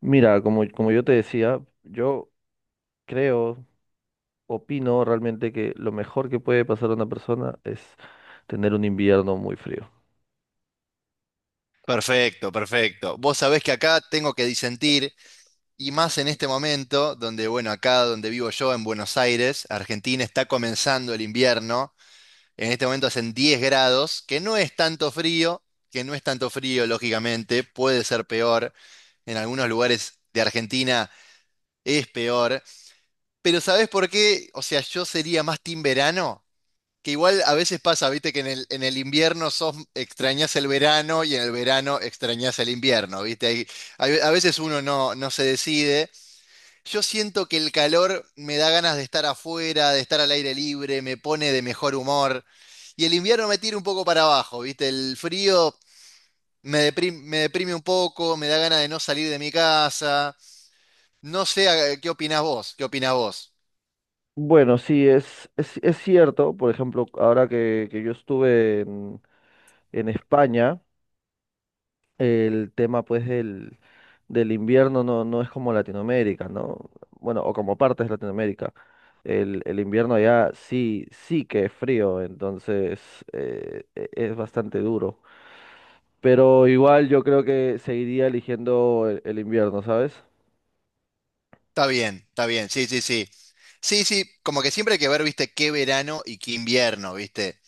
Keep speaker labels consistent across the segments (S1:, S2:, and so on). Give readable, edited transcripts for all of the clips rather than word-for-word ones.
S1: Mira, como yo te decía, creo, opino realmente que lo mejor que puede pasar a una persona es tener un invierno muy frío.
S2: Perfecto, perfecto. Vos sabés que acá tengo que disentir, y más en este momento, donde, bueno, acá donde vivo yo, en Buenos Aires, Argentina, está comenzando el invierno. En este momento hacen 10 grados, que no es tanto frío, que no es tanto frío, lógicamente, puede ser peor. En algunos lugares de Argentina es peor. Pero ¿sabés por qué? O sea, yo sería más team verano que igual a veces pasa, viste, que en el invierno sos, extrañas el verano y en el verano extrañas el invierno, viste. A veces uno no se decide. Yo siento que el calor me da ganas de estar afuera, de estar al aire libre, me pone de mejor humor. Y el invierno me tira un poco para abajo, viste. El frío me deprime un poco, me da ganas de no salir de mi casa. No sé, ¿qué opinás vos? ¿Qué opinás vos?
S1: Bueno, sí, es cierto. Por ejemplo, ahora que yo estuve en España, el tema pues del invierno no, no es como Latinoamérica, ¿no? Bueno, o como partes de Latinoamérica. El invierno allá sí, sí que es frío, entonces es bastante duro. Pero igual yo creo que seguiría eligiendo el invierno, ¿sabes?
S2: Está bien, sí, sí, sí. Sí, sí, como que siempre hay que ver, viste, qué verano y qué invierno, viste.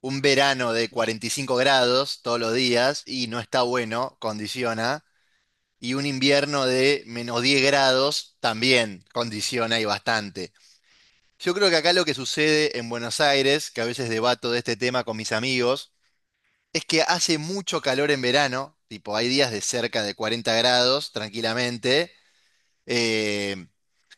S2: Un verano de 45 grados todos los días y no está bueno, condiciona. Y un invierno de menos 10 grados también condiciona y bastante. Yo creo que acá lo que sucede en Buenos Aires, que a veces debato de este tema con mis amigos, es que hace mucho calor en verano, tipo hay días de cerca de 40 grados tranquilamente. Eh,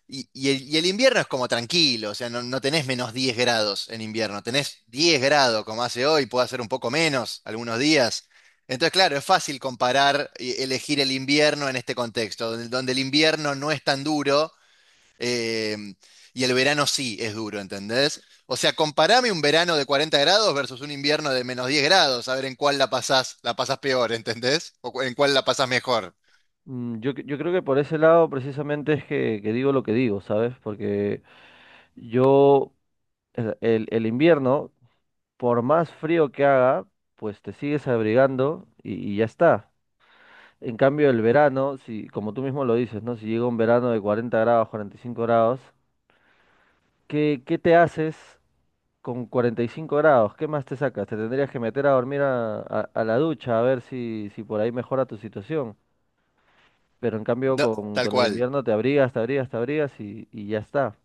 S2: y el invierno es como tranquilo, o sea, no tenés menos 10 grados en invierno, tenés 10 grados como hace hoy, puede hacer un poco menos algunos días. Entonces, claro, es fácil comparar y elegir el invierno en este contexto, donde el invierno no es tan duro eh, y el verano sí es duro, ¿entendés? O sea, comparame un verano de 40 grados versus un invierno de menos 10 grados, a ver en cuál la pasás peor, ¿entendés? En cuál la pasás mejor.
S1: Mm. Yo creo que por ese lado precisamente es que digo lo que digo, ¿sabes? Porque yo, el invierno, por más frío que haga, pues te sigues abrigando y ya está. En cambio, el verano, si, como tú mismo lo dices, ¿no? Si llega un verano de 40 grados, 45 grados, ¿qué, qué te haces? Con 45 grados, ¿qué más te sacas? Te tendrías que meter a dormir a, a la ducha a ver si, si por ahí mejora tu situación. Pero en cambio
S2: No, tal
S1: con el
S2: cual.
S1: invierno te abrigas, te abrigas, te abrigas y ya está.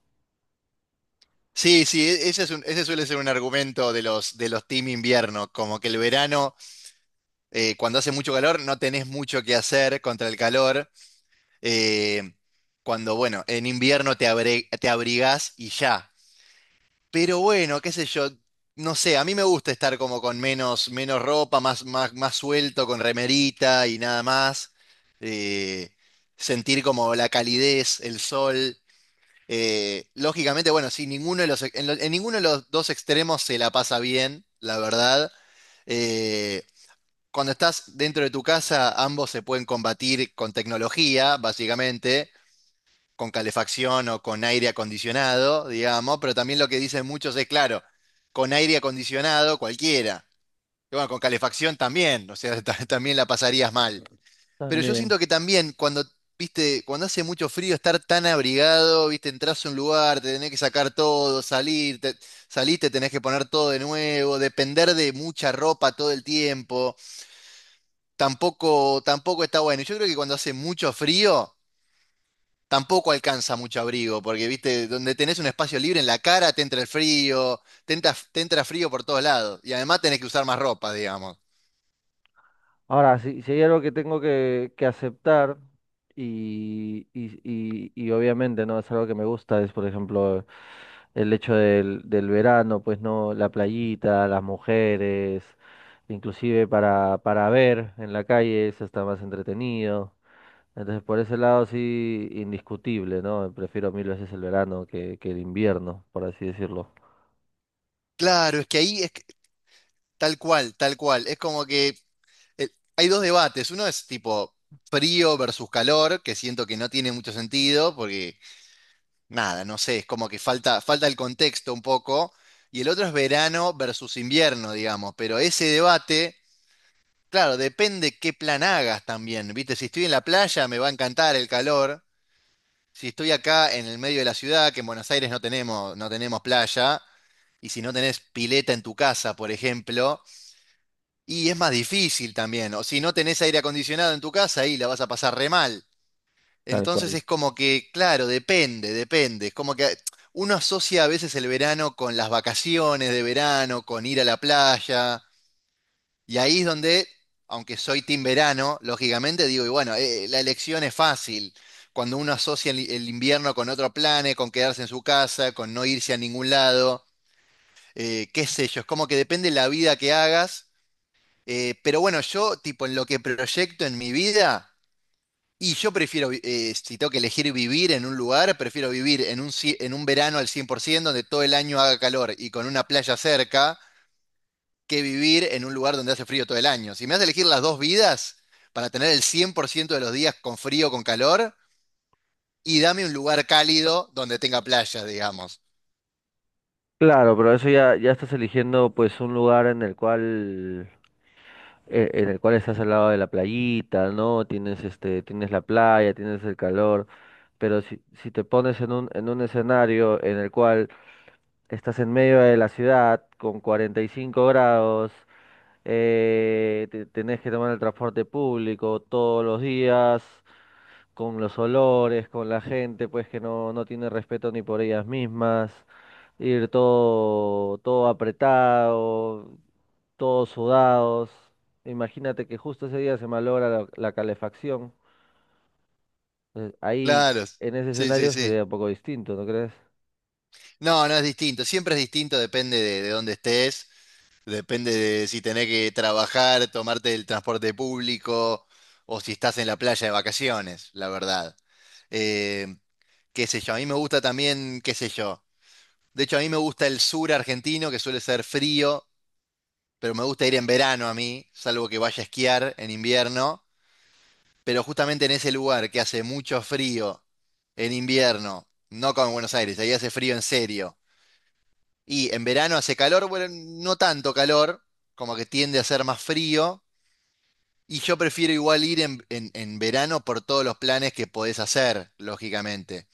S2: Sí, sí, ese suele ser un argumento de los team invierno, como que el verano, cuando hace mucho calor, no tenés mucho que hacer contra el calor, eh, bueno, en invierno te abrigás y ya. Pero bueno, qué sé yo, no sé, a mí me gusta estar como con menos ropa, más suelto, con remerita y nada más, eh, sentir como la calidez, el sol. Lógicamente, bueno, sí, ninguno de los, en, lo- en ninguno de los dos extremos se la pasa bien, la verdad. Eh, cuando estás dentro de tu casa, ambos se pueden combatir con tecnología, básicamente, con calefacción o con aire acondicionado, digamos, pero también lo que dicen muchos es, claro, con aire acondicionado cualquiera. Y bueno, con calefacción también, o sea, también la pasarías mal. Pero yo
S1: También.
S2: siento que también viste, cuando hace mucho frío, estar tan abrigado, viste, entras a un lugar, te tenés que sacar todo, salir, salís, te tenés que poner todo de nuevo, depender de mucha ropa todo el tiempo, tampoco está bueno. Yo creo que cuando hace mucho frío, tampoco alcanza mucho abrigo, porque, viste, donde tenés un espacio libre en la cara, te entra el frío, te entra frío por todos lados, y además tenés que usar más ropa, digamos.
S1: Ahora, si, si hay algo que tengo que aceptar y, y obviamente no es algo que me gusta, es por ejemplo el hecho del verano, pues no, la playita, las mujeres, inclusive para ver en la calle es hasta más entretenido. Entonces, por ese lado, sí, indiscutible, ¿no? Prefiero mil veces el verano que el invierno, por así decirlo.
S2: Claro, es que ahí es que- tal cual, tal cual. Es como que eh, hay dos debates. Uno es tipo frío versus calor, que siento que no tiene mucho sentido, porque nada, no sé, es como que falta el contexto un poco. Y el otro es verano versus invierno, digamos. Pero ese debate, claro, depende qué plan hagas también. Viste, si estoy en la playa, me va a encantar el calor. Si estoy acá en el medio de la ciudad, que en Buenos Aires no tenemos playa, y si no tenés pileta en tu casa, por ejemplo. Y es más difícil también, o si no tenés aire acondicionado en tu casa, ahí la vas a pasar re mal.
S1: Tal
S2: Entonces
S1: cual.
S2: es como que, claro, depende, depende. Es como que uno asocia a veces el verano con las vacaciones de verano, con ir a la playa, y ahí es donde, aunque soy team verano, lógicamente digo, y bueno, la elección es fácil. Cuando uno asocia el invierno con otro planes, con quedarse en su casa, con no irse a ningún lado, qué sé yo, es como que depende la vida que hagas pero bueno, yo, tipo, en lo que proyecto en mi vida, y yo prefiero, si tengo que elegir vivir en un lugar, prefiero vivir en en un verano al 100% donde todo el año haga calor y con una playa cerca, que vivir en un lugar donde hace frío todo el año. Si me hace elegir las dos vidas para tener el 100% de los días con frío, con calor, y dame un lugar cálido donde tenga playa, digamos.
S1: Claro, pero eso ya, ya estás eligiendo, pues, un lugar en el cual estás al lado de la playita, ¿no? Tienes, este, tienes la playa, tienes el calor. Pero si, si te pones en un escenario en el cual estás en medio de la ciudad con 45 grados, tenés que tomar el transporte público todos los días con los olores, con la gente, pues que no, no tiene respeto ni por ellas mismas, ir todo, todo apretado, todos sudados. Imagínate que justo ese día se malogra la calefacción. Entonces, ahí,
S2: Claro,
S1: en ese
S2: sí, sí,
S1: escenario
S2: sí.
S1: sería un poco distinto, ¿no crees?
S2: No, no es distinto, siempre es distinto, depende de dónde estés. Depende de si tenés que trabajar, tomarte el transporte público o si estás en la playa de vacaciones, la verdad. Eh, qué sé yo, a mí me gusta también, qué sé yo. De hecho, a mí me gusta el sur argentino, que suele ser frío, pero me gusta ir en verano a mí, salvo que vaya a esquiar en invierno. Pero justamente en ese lugar que hace mucho frío en invierno, no como en Buenos Aires, ahí hace frío en serio. Y en verano hace calor, bueno, no tanto calor, como que tiende a ser más frío. Y yo prefiero igual ir en verano por todos los planes que podés hacer, lógicamente,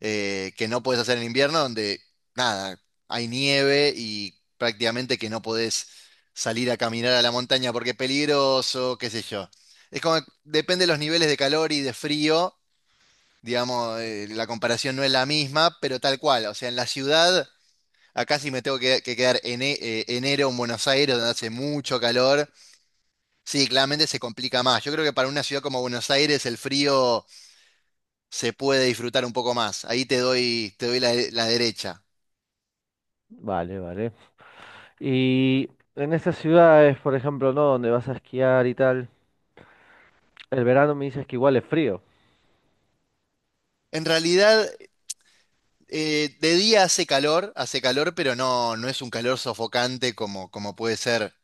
S2: que no podés hacer en invierno, donde nada, hay nieve y prácticamente que no podés salir a caminar a la montaña porque es peligroso, qué sé yo. Es como, que depende de los niveles de calor y de frío, digamos, la comparación no es la misma, pero tal cual, o sea, en la ciudad, acá sí me tengo que quedar en enero en Buenos Aires, donde hace mucho calor. Sí, claramente se complica más. Yo creo que para una ciudad como Buenos Aires el frío se puede disfrutar un poco más. Ahí te doy la derecha.
S1: Vale, vale. Y en estas ciudades, por ejemplo, ¿no? Donde vas a esquiar y tal, el verano me dices que igual es frío.
S2: En realidad, de día hace calor, pero no es un calor sofocante como puede ser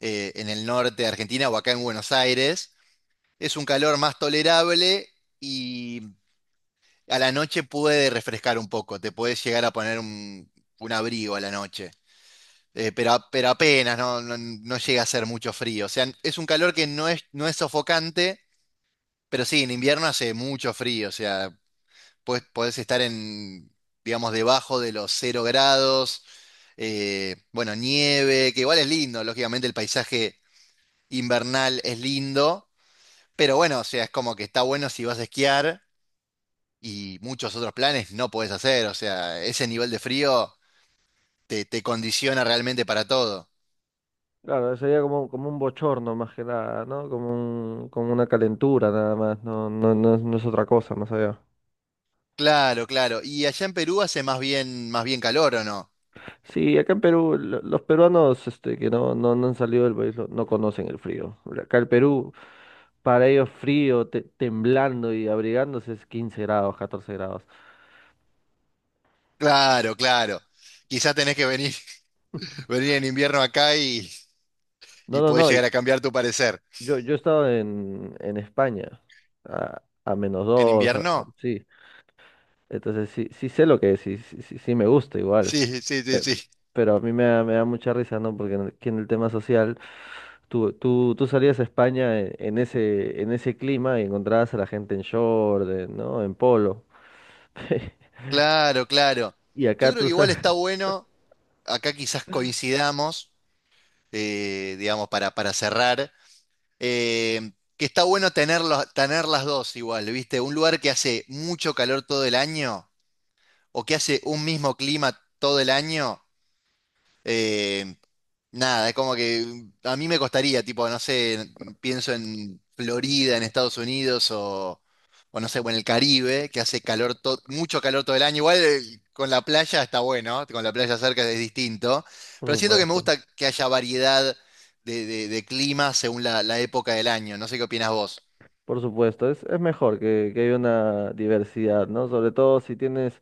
S2: en el norte de Argentina o acá en Buenos Aires. Es un calor más tolerable y a la noche puede refrescar un poco. Te puedes llegar a poner un abrigo a la noche. Pero apenas, no llega a ser mucho frío. O sea, es un calor que no es, no es sofocante, pero sí, en invierno hace mucho frío. O sea, podés estar en, digamos, debajo de los 0 grados. Bueno, nieve, que igual es lindo. Lógicamente el paisaje invernal es lindo. Pero bueno, o sea, es como que está bueno si vas a esquiar y muchos otros planes no podés hacer. O sea, ese nivel de frío te condiciona realmente para todo.
S1: Claro, sería como, como un bochorno más que nada, ¿no? Como un, como una calentura nada más, no, no, no, es no es otra cosa más allá.
S2: Claro, claro. Y allá en Perú hace más bien calor, ¿o no?
S1: Sí, acá en Perú, los peruanos este, que no, no, no han salido del país no conocen el frío. Acá el Perú, para ellos frío, temblando y abrigándose es 15 grados, 14 grados.
S2: Claro, claro. Quizás tenés que venir, venir en invierno acá
S1: No,
S2: y
S1: no,
S2: podés
S1: no,
S2: llegar a cambiar tu parecer.
S1: yo he estado en España, a menos
S2: ¿En
S1: dos,
S2: invierno?
S1: sí. Entonces sí, sí sé lo que es, sí, sí, sí sí me gusta igual.
S2: Sí, sí, sí,
S1: Pe-
S2: sí.
S1: Pero a mí me da mucha risa, ¿no? Porque en el, que en el tema social, tú salías a España en ese clima y encontrabas a la gente en short, en- ¿no? En polo.
S2: Claro, claro.
S1: Y
S2: Yo
S1: acá
S2: creo
S1: tú
S2: que igual
S1: sabes.
S2: está bueno, acá quizás coincidamos, digamos, para cerrar, eh, que está bueno tener, tener las dos igual, ¿viste? Un lugar que hace mucho calor todo el año o que hace un mismo clima todo el año. eh, Nada, es como que a mí me costaría, tipo, no sé, pienso en Florida, en Estados Unidos o, no sé, o en el Caribe, que hace calor, mucho calor todo el año. Igual con la playa está bueno, con la playa cerca es distinto,
S1: Por
S2: pero siento que me
S1: supuesto,
S2: gusta que haya variedad de, clima según la época del año. No sé qué opinas vos.
S1: por supuesto, es mejor que haya una diversidad, ¿no? Sobre todo si tienes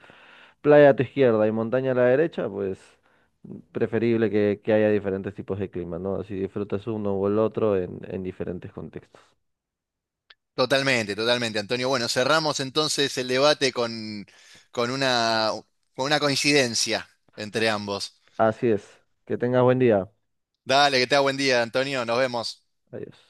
S1: playa a tu izquierda y montaña a la derecha, pues preferible que haya diferentes tipos de clima, ¿no? Así disfrutas uno o el otro en diferentes contextos.
S2: Totalmente, totalmente, Antonio. Bueno, cerramos entonces el debate con, con una, con una coincidencia entre ambos.
S1: Así es, que tengas buen día.
S2: Dale, que te tenga buen día, Antonio. Nos vemos.
S1: Adiós.